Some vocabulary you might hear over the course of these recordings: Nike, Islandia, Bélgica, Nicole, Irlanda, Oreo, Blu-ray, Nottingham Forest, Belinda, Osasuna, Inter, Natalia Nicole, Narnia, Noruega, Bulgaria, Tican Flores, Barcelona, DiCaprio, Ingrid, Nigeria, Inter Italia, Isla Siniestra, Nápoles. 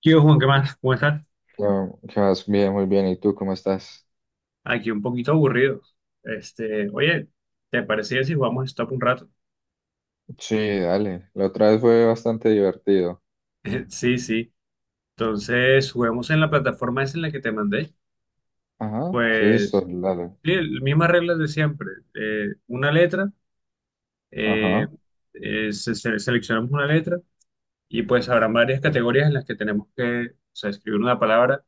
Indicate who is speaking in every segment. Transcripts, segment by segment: Speaker 1: ¿Qué hubo, Juan? ¿Qué más? ¿Cómo estás?
Speaker 2: No, que vas bien, muy bien. ¿Y tú cómo estás?
Speaker 1: Aquí un poquito aburrido. Oye, ¿te parecía si jugamos Stop un rato?
Speaker 2: Sí, dale. La otra vez fue bastante divertido.
Speaker 1: Sí, sí. Entonces, juguemos en la
Speaker 2: Sí.
Speaker 1: plataforma esa en la que te mandé.
Speaker 2: Ajá, sí, listo,
Speaker 1: Pues,
Speaker 2: dale.
Speaker 1: sí, mismas reglas de siempre. Una letra, eh,
Speaker 2: Ajá,
Speaker 1: seleccionamos una letra y pues habrán varias
Speaker 2: sí.
Speaker 1: categorías en las que tenemos que, o sea, escribir una palabra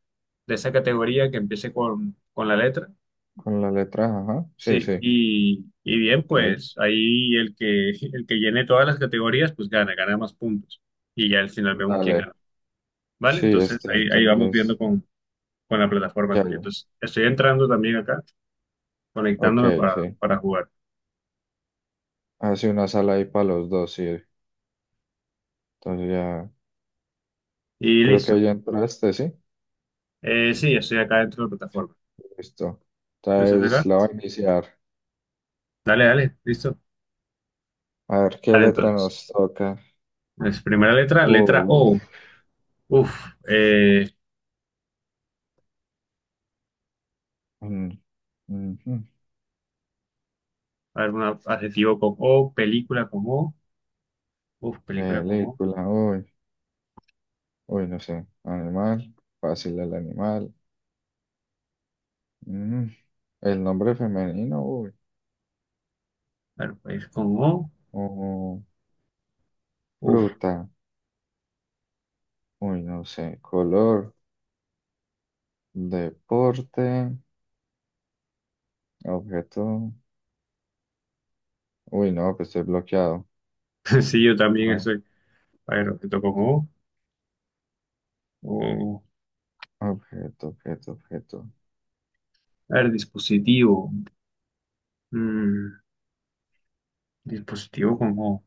Speaker 1: de esa categoría que empiece con la letra.
Speaker 2: Con la letra, ajá. Sí,
Speaker 1: Sí,
Speaker 2: sí.
Speaker 1: y bien,
Speaker 2: Ok.
Speaker 1: pues ahí el que llene todas las categorías, pues gana más puntos. Y ya al final vemos quién
Speaker 2: Dale.
Speaker 1: gana. ¿Vale?
Speaker 2: Sí,
Speaker 1: Entonces
Speaker 2: este,
Speaker 1: ahí vamos viendo
Speaker 2: entonces.
Speaker 1: con la plataforma
Speaker 2: Ya,
Speaker 1: también.
Speaker 2: ya.
Speaker 1: Entonces estoy entrando también acá,
Speaker 2: Ok,
Speaker 1: conectándome
Speaker 2: sí.
Speaker 1: para jugar.
Speaker 2: Hace una sala ahí para los dos, sí. Entonces ya.
Speaker 1: Y
Speaker 2: Creo que
Speaker 1: listo.
Speaker 2: ya entraste, sí.
Speaker 1: Sí, estoy acá dentro de la plataforma.
Speaker 2: Listo.
Speaker 1: Entonces
Speaker 2: Entonces
Speaker 1: acá,
Speaker 2: la voy a iniciar.
Speaker 1: dale, listo.
Speaker 2: A ver qué
Speaker 1: Vale,
Speaker 2: letra
Speaker 1: entonces,
Speaker 2: nos toca.
Speaker 1: es primera letra, letra
Speaker 2: Uh,
Speaker 1: O. Uf, eh,
Speaker 2: mm, mm, mm.
Speaker 1: a ver, un adjetivo con O, película con O. Uf, película con O.
Speaker 2: Película, uy. Uy, no sé. Animal. Fácil el animal. Mm, El nombre femenino, uy.
Speaker 1: A ver, país con O.
Speaker 2: O
Speaker 1: Uf.
Speaker 2: fruta. Uy, no sé. Color. Deporte. Objeto. Uy, no, que estoy bloqueado.
Speaker 1: Sí, yo también
Speaker 2: Ah,
Speaker 1: estoy. A ver, objeto como O,
Speaker 2: Objeto, objeto, objeto.
Speaker 1: a ver, dispositivo. Mm, dispositivo como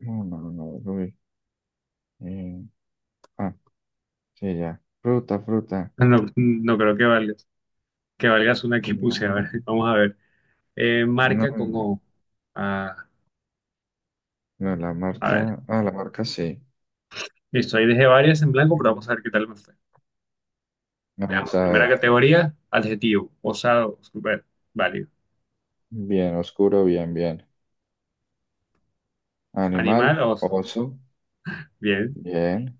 Speaker 2: No, no, no, no, uy. Eh, ah, sí, ya. Fruta, fruta.
Speaker 1: no, no creo que valgas. Que valgas una que puse. A ver,
Speaker 2: No,
Speaker 1: vamos a ver.
Speaker 2: no,
Speaker 1: Marca como O. Ah,
Speaker 2: no, la
Speaker 1: a ver.
Speaker 2: marca. Ah, la marca sí.
Speaker 1: Listo, ahí dejé varias en blanco, pero vamos a
Speaker 2: Mm.
Speaker 1: ver qué tal me fue. Veamos.
Speaker 2: Vamos a
Speaker 1: Primera
Speaker 2: ver.
Speaker 1: categoría, adjetivo. Osado, super, válido.
Speaker 2: Bien, oscuro, bien, bien.
Speaker 1: Animal,
Speaker 2: Animal,
Speaker 1: oso.
Speaker 2: oso,
Speaker 1: Bien.
Speaker 2: bien.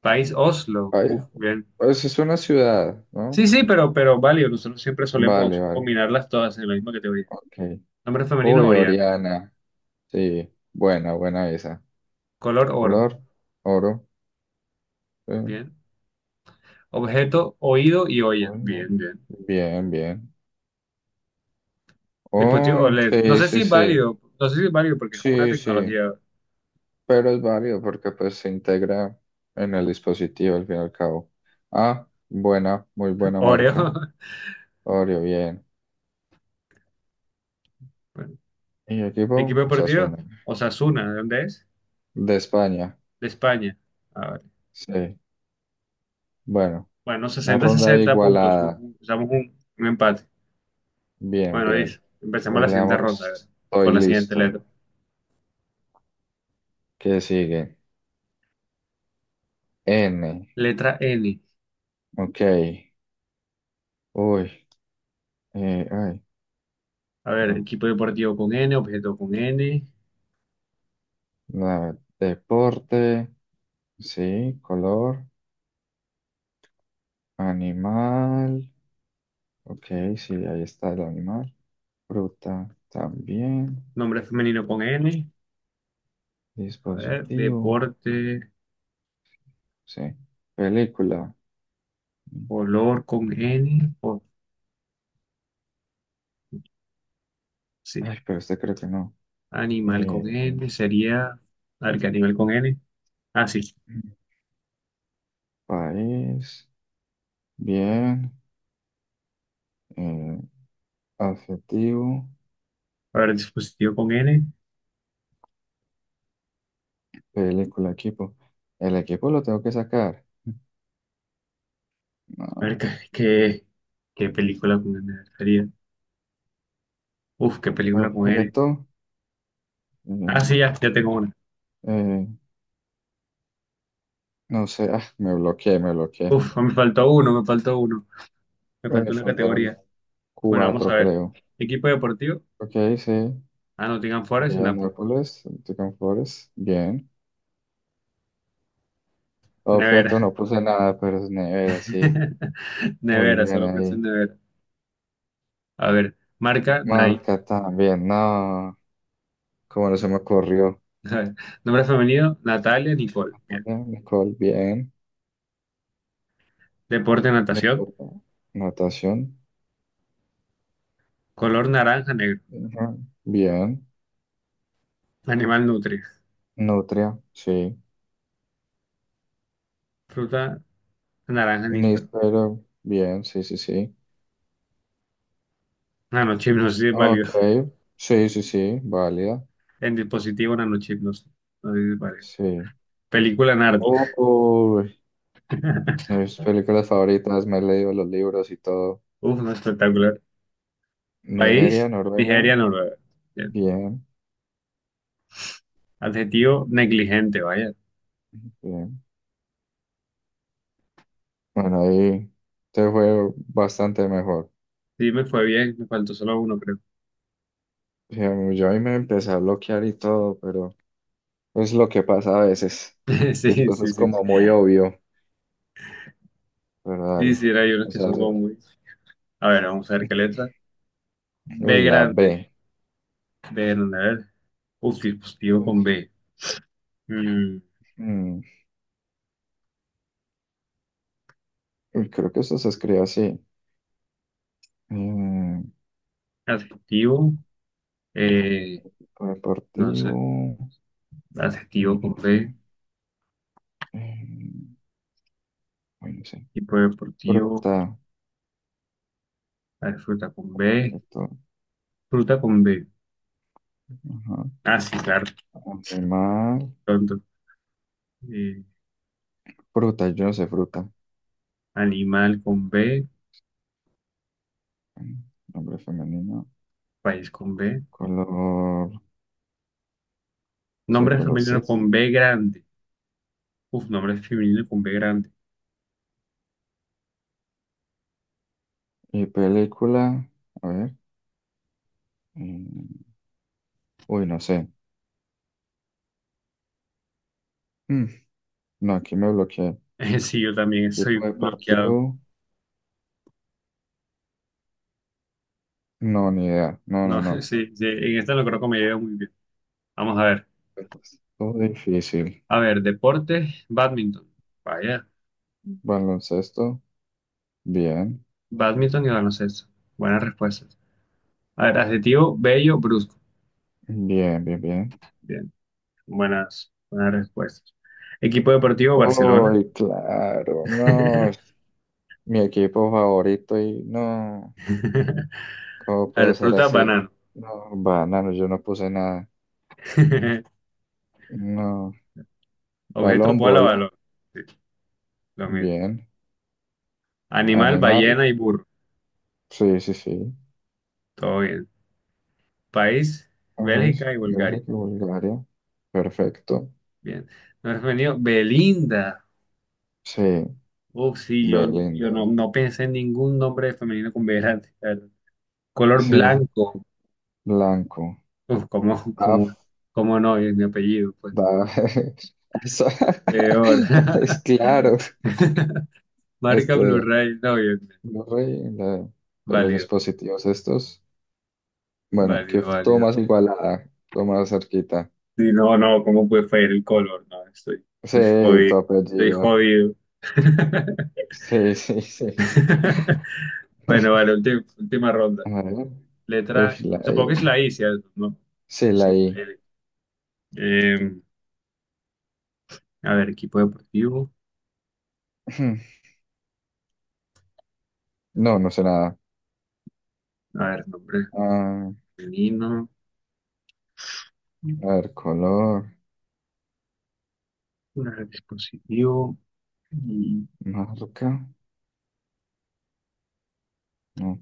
Speaker 1: País, Oslo.
Speaker 2: Ay,
Speaker 1: Uf, bien.
Speaker 2: pues es una ciudad,
Speaker 1: Sí,
Speaker 2: ¿no?
Speaker 1: sí, pero válido. Nosotros siempre
Speaker 2: Vale,
Speaker 1: solemos
Speaker 2: vale,
Speaker 1: combinarlas todas en la misma categoría.
Speaker 2: ok.
Speaker 1: Nombre femenino,
Speaker 2: Uy,
Speaker 1: Oriana.
Speaker 2: Oriana, sí, buena, buena esa.
Speaker 1: Color oro.
Speaker 2: Color, oro, eh,
Speaker 1: Bien. Objeto, oído y olla.
Speaker 2: bueno,
Speaker 1: Bien, bien.
Speaker 2: bien, bien. Oh,
Speaker 1: Dispositivo OLED. No
Speaker 2: sí,
Speaker 1: sé si
Speaker 2: sí,
Speaker 1: es
Speaker 2: sí,
Speaker 1: válido. No sé si es válido porque es como una
Speaker 2: sí, sí,
Speaker 1: tecnología.
Speaker 2: pero es válido porque pues se integra en el dispositivo al fin y al cabo. Ah, buena, muy buena marca.
Speaker 1: Oreo.
Speaker 2: Oreo, bien.
Speaker 1: Bueno.
Speaker 2: Y
Speaker 1: Equipo
Speaker 2: equipo,
Speaker 1: deportivo,
Speaker 2: Osasuna,
Speaker 1: Osasuna. ¿De dónde es?
Speaker 2: de España,
Speaker 1: De España. A ver.
Speaker 2: sí, bueno.
Speaker 1: Bueno,
Speaker 2: Una
Speaker 1: sesenta
Speaker 2: ronda
Speaker 1: sesenta puntos.
Speaker 2: igualada.
Speaker 1: Usamos un empate.
Speaker 2: Bien,
Speaker 1: Bueno, Liz,
Speaker 2: bien.
Speaker 1: empecemos la siguiente ronda. A ver,
Speaker 2: Bailamos. Estoy
Speaker 1: con la siguiente
Speaker 2: listo,
Speaker 1: letra.
Speaker 2: ¿no? ¿Qué sigue? N.
Speaker 1: Letra N.
Speaker 2: Ok. Uy, eh, ay,
Speaker 1: A ver,
Speaker 2: no.
Speaker 1: equipo deportivo con N, objeto con N,
Speaker 2: La- deporte. Sí. Color. Animal. Ok, sí, ahí está el animal. Fruta también.
Speaker 1: nombre femenino con N. A ver,
Speaker 2: Dispositivo.
Speaker 1: deporte.
Speaker 2: Sí. Película.
Speaker 1: Olor con N, o sí,
Speaker 2: Ay, pero este creo que no.
Speaker 1: animal
Speaker 2: Eh,
Speaker 1: con N, sería, a ver, ¿qué animal con N? Ah, sí,
Speaker 2: país. Bien. Eh, Adjetivo,
Speaker 1: a ver, dispositivo con N,
Speaker 2: película, equipo. El equipo lo tengo que sacar.
Speaker 1: a ver,
Speaker 2: No,
Speaker 1: qué, ¿qué película con N sería? Uf, qué película con N.
Speaker 2: objeto,
Speaker 1: Ah,
Speaker 2: mm,
Speaker 1: sí, ya tengo una.
Speaker 2: eh, no sé, me bloqueé, me bloqueé.
Speaker 1: Uf, me faltó uno, me
Speaker 2: Me
Speaker 1: faltó una
Speaker 2: faltaron
Speaker 1: categoría. Bueno, vamos a
Speaker 2: cuatro,
Speaker 1: ver.
Speaker 2: creo.
Speaker 1: Equipo deportivo,
Speaker 2: Ok, sí.
Speaker 1: ah, Nottingham Forest y
Speaker 2: Bien,
Speaker 1: Nápoles.
Speaker 2: Nápoles, Tican Flores, bien. Objeto,
Speaker 1: Nevera.
Speaker 2: no puse nada, pero es nevera, sí. Muy
Speaker 1: Nevera,
Speaker 2: bien
Speaker 1: solo pensé en
Speaker 2: ahí.
Speaker 1: nevera. A ver, marca Nike.
Speaker 2: Marca también, no. Como no se me ocurrió.
Speaker 1: A ver, nombre femenino, Natalia Nicole.
Speaker 2: También, Nicole, bien.
Speaker 1: Deporte, natación.
Speaker 2: Nota- notación,
Speaker 1: Color naranja, negro.
Speaker 2: ajá, bien.
Speaker 1: Animal nutria.
Speaker 2: Nutria, sí.
Speaker 1: Fruta, naranja, níspero.
Speaker 2: Níspero, bien, sí, sí, sí.
Speaker 1: Nanochip, no sé si es
Speaker 2: Ok,
Speaker 1: válido.
Speaker 2: sí, sí, sí, válida,
Speaker 1: En dispositivo, nanochip, no sé. No sé si es válido.
Speaker 2: sí.
Speaker 1: Película, Narnia.
Speaker 2: Uy, mis películas favoritas, me he leído los libros y todo.
Speaker 1: Uf, no, espectacular.
Speaker 2: Nigeria,
Speaker 1: País, Nigeria,
Speaker 2: Noruega,
Speaker 1: Noruega. Bien.
Speaker 2: bien,
Speaker 1: Adjetivo, negligente, vaya.
Speaker 2: bien. Bueno, ahí te fue bastante mejor.
Speaker 1: Sí, me fue bien. Me faltó solo uno, creo.
Speaker 2: Sí, a mí- yo ahí me empecé a bloquear y todo, pero es lo que pasa a veces. Y
Speaker 1: Sí,
Speaker 2: después
Speaker 1: sí,
Speaker 2: es
Speaker 1: sí.
Speaker 2: como muy obvio, pero
Speaker 1: Sí,
Speaker 2: dale.
Speaker 1: sí, hay unos
Speaker 2: O
Speaker 1: que
Speaker 2: sea,
Speaker 1: son como muy... A ver, vamos a ver qué letra.
Speaker 2: uy,
Speaker 1: B
Speaker 2: la
Speaker 1: grande.
Speaker 2: B.
Speaker 1: B grande, a ver. Uf, dispositivo con B. Mm,
Speaker 2: Uy, creo que eso se escribe así. Eh,
Speaker 1: adjetivo, eh, no
Speaker 2: deportivo.
Speaker 1: sé,
Speaker 2: eh,
Speaker 1: adjetivo con
Speaker 2: eh,
Speaker 1: B,
Speaker 2: eh, eh, uy, no sé.
Speaker 1: tipo deportivo,
Speaker 2: Fruta.
Speaker 1: a ver,
Speaker 2: Fruto,
Speaker 1: fruta con B.
Speaker 2: ajá.
Speaker 1: Ah, sí, claro,
Speaker 2: Animal.
Speaker 1: tonto. Eh,
Speaker 2: Fruta, yo no sé fruta.
Speaker 1: animal con B,
Speaker 2: Eh, Nombre femenino.
Speaker 1: país con B.
Speaker 2: Color. Sí,
Speaker 1: Nombre
Speaker 2: color
Speaker 1: femenino
Speaker 2: sí.
Speaker 1: con B grande. Uf, nombre femenino con B grande.
Speaker 2: Y película. A ver. eh, uy, no sé. Mm, no, aquí me bloqueé.
Speaker 1: Sí, yo también
Speaker 2: Tipo
Speaker 1: estoy
Speaker 2: de
Speaker 1: bloqueado.
Speaker 2: partido. No, ni idea. No, no,
Speaker 1: No,
Speaker 2: no.
Speaker 1: sí, sí, en esta no creo que me lleve muy bien. Vamos a ver.
Speaker 2: Estuvo difícil.
Speaker 1: A ver, deporte, badminton. Vaya,
Speaker 2: Baloncesto. Bien.
Speaker 1: badminton y baloncesto. Buenas respuestas. A ver, adjetivo, bello, brusco.
Speaker 2: Bien, bien, bien.
Speaker 1: Buenas, buenas respuestas. Equipo deportivo Barcelona.
Speaker 2: Uy, claro, no, es mi equipo favorito y no, ¿cómo
Speaker 1: A
Speaker 2: puedo
Speaker 1: ver,
Speaker 2: ser
Speaker 1: fruta,
Speaker 2: así?
Speaker 1: banano.
Speaker 2: No, banano, yo no puse nada. No,
Speaker 1: Objeto,
Speaker 2: balón,
Speaker 1: bola,
Speaker 2: bola,
Speaker 1: balón. Sí, lo mismo.
Speaker 2: bien.
Speaker 1: Animal,
Speaker 2: Animal,
Speaker 1: ballena y burro.
Speaker 2: sí, sí, sí.
Speaker 1: Todo bien. País,
Speaker 2: ¿Ves?
Speaker 1: Bélgica y
Speaker 2: ¿Ves
Speaker 1: Bulgaria.
Speaker 2: aquí Bulgaria? Perfecto.
Speaker 1: Bien. Nombre femenino, Belinda.
Speaker 2: Sí,
Speaker 1: Oh, sí, yo
Speaker 2: Belinda.
Speaker 1: no pensé en ningún nombre femenino con B grande, la verdad. Color
Speaker 2: Sí,
Speaker 1: blanco.
Speaker 2: blanco.
Speaker 1: Uf,
Speaker 2: Af,
Speaker 1: ¿cómo no? Es mi apellido, pues.
Speaker 2: da,
Speaker 1: Peor.
Speaker 2: es claro,
Speaker 1: Marca
Speaker 2: este.
Speaker 1: Blu-ray. No, bien, bien.
Speaker 2: Blu-ray, la- de los
Speaker 1: Válido.
Speaker 2: dispositivos estos. Bueno, que
Speaker 1: Válido,
Speaker 2: f- todo
Speaker 1: válido.
Speaker 2: más igualada, todo más cerquita.
Speaker 1: Sí, no, no, ¿cómo puede fallar el color? No,
Speaker 2: Sí,
Speaker 1: estoy
Speaker 2: tu
Speaker 1: jodido. Estoy
Speaker 2: apellido.
Speaker 1: jodido.
Speaker 2: Sí, sí, sí.
Speaker 1: Bueno, vale, última ronda.
Speaker 2: A ver. Uy,
Speaker 1: Letra,
Speaker 2: la
Speaker 1: supongo que es
Speaker 2: I.
Speaker 1: la I, ¿cierto? ¿No?
Speaker 2: Sí, la
Speaker 1: Sí,
Speaker 2: I.
Speaker 1: L. Eh, a ver, equipo deportivo.
Speaker 2: No, no sé nada.
Speaker 1: A ver, nombre
Speaker 2: Ah,
Speaker 1: femenino. Un
Speaker 2: a ver, color,
Speaker 1: dispositivo. Y
Speaker 2: marca. No.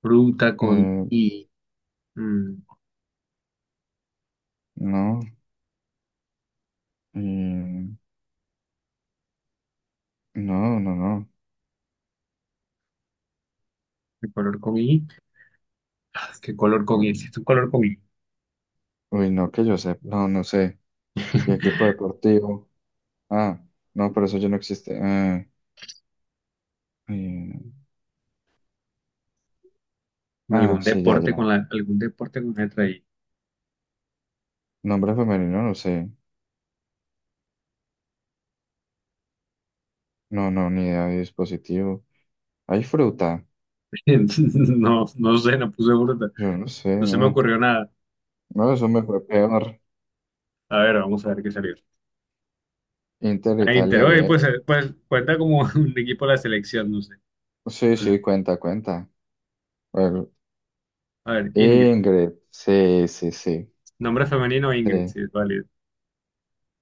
Speaker 1: fruta con
Speaker 2: Eh,
Speaker 1: I. Mm,
Speaker 2: no. Mm, no, no, no.
Speaker 1: ¿qué color con I? Ah, ¿qué color con I? Si es un color con I.
Speaker 2: Uy, no, que yo sé. No, no sé. Y equipo deportivo. Ah, no, pero eso ya no existe. Ah. Eh,
Speaker 1: ¿Algún
Speaker 2: sí, ya,
Speaker 1: deporte
Speaker 2: ya.
Speaker 1: con la, algún deporte con letra I?
Speaker 2: Nombre femenino, no sé. No, no, ni idea de dispositivo. Hay fruta.
Speaker 1: No, no sé, no puse fruta.
Speaker 2: Yo no sé,
Speaker 1: No se me
Speaker 2: no.
Speaker 1: ocurrió nada.
Speaker 2: No, eso me fue peor.
Speaker 1: A ver, vamos a ver qué salió.
Speaker 2: Inter
Speaker 1: A Inter,
Speaker 2: Italia,
Speaker 1: oye, pues,
Speaker 2: bien.
Speaker 1: pues cuenta como un equipo de la selección, no sé.
Speaker 2: Sí,
Speaker 1: No sé.
Speaker 2: sí, cuenta, cuenta. Bueno,
Speaker 1: A ver, Ingrid.
Speaker 2: Ingrid. Sí, sí, sí.
Speaker 1: Nombre femenino, Ingrid,
Speaker 2: Sí,
Speaker 1: sí, es válido.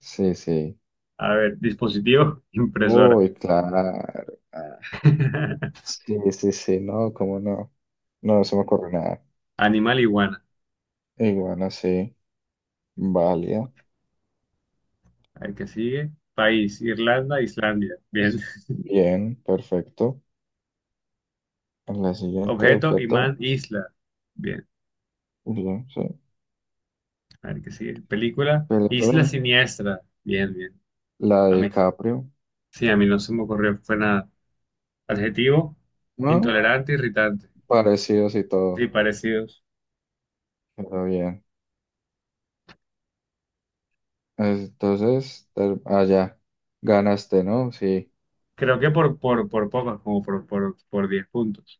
Speaker 2: sí, sí.
Speaker 1: A ver, dispositivo, impresora.
Speaker 2: Uy, claro. Ah, sí, sí, sí, no, cómo no. No, no se me ocurre nada.
Speaker 1: Animal, iguana.
Speaker 2: Iguana, sí. Válida.
Speaker 1: A ver, ¿qué sigue? País, Irlanda, Islandia. Bien.
Speaker 2: Pues, bien, perfecto. La siguiente
Speaker 1: Objeto, imán,
Speaker 2: objeto.
Speaker 1: isla. Bien.
Speaker 2: Bien, sí.
Speaker 1: A ver, ¿qué sigue? Película, Isla
Speaker 2: Película,
Speaker 1: Siniestra. Bien, bien.
Speaker 2: la de
Speaker 1: A mí,
Speaker 2: DiCaprio,
Speaker 1: sí, a mí no se me ocurrió, fue nada. Adjetivo,
Speaker 2: ¿no?
Speaker 1: intolerante, irritante.
Speaker 2: Parecidos y
Speaker 1: Sí,
Speaker 2: todo,
Speaker 1: parecidos.
Speaker 2: pero bien. Entonces, te- allá, ganaste, ¿no? Sí,
Speaker 1: Creo que por pocas, como por 10 puntos.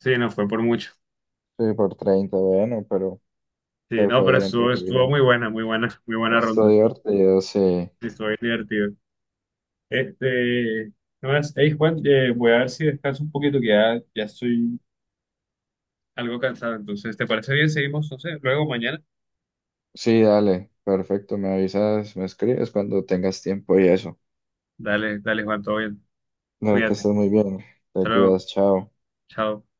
Speaker 1: Sí, no, fue por mucho.
Speaker 2: sí, por 30, bueno, pero
Speaker 1: Sí,
Speaker 2: te
Speaker 1: no,
Speaker 2: fue
Speaker 1: pero
Speaker 2: bien, te
Speaker 1: estuvo,
Speaker 2: fue
Speaker 1: estuvo
Speaker 2: bien.
Speaker 1: muy buena, muy buena, muy buena
Speaker 2: Estuvo
Speaker 1: ronda.
Speaker 2: divertido, sí.
Speaker 1: Sí, estuvo bien divertido. Este, no más, hey, Juan, voy a ver si descanso un poquito, que ya estoy algo cansado. Entonces, ¿te parece bien? Seguimos, no sé, luego mañana.
Speaker 2: Sí, dale, perfecto, me avisas, me escribes cuando tengas tiempo y eso.
Speaker 1: Dale, dale, Juan, todo bien.
Speaker 2: Dale, que
Speaker 1: Cuídate.
Speaker 2: estés muy bien, te
Speaker 1: Hasta luego.
Speaker 2: cuidas, chao.
Speaker 1: Chao.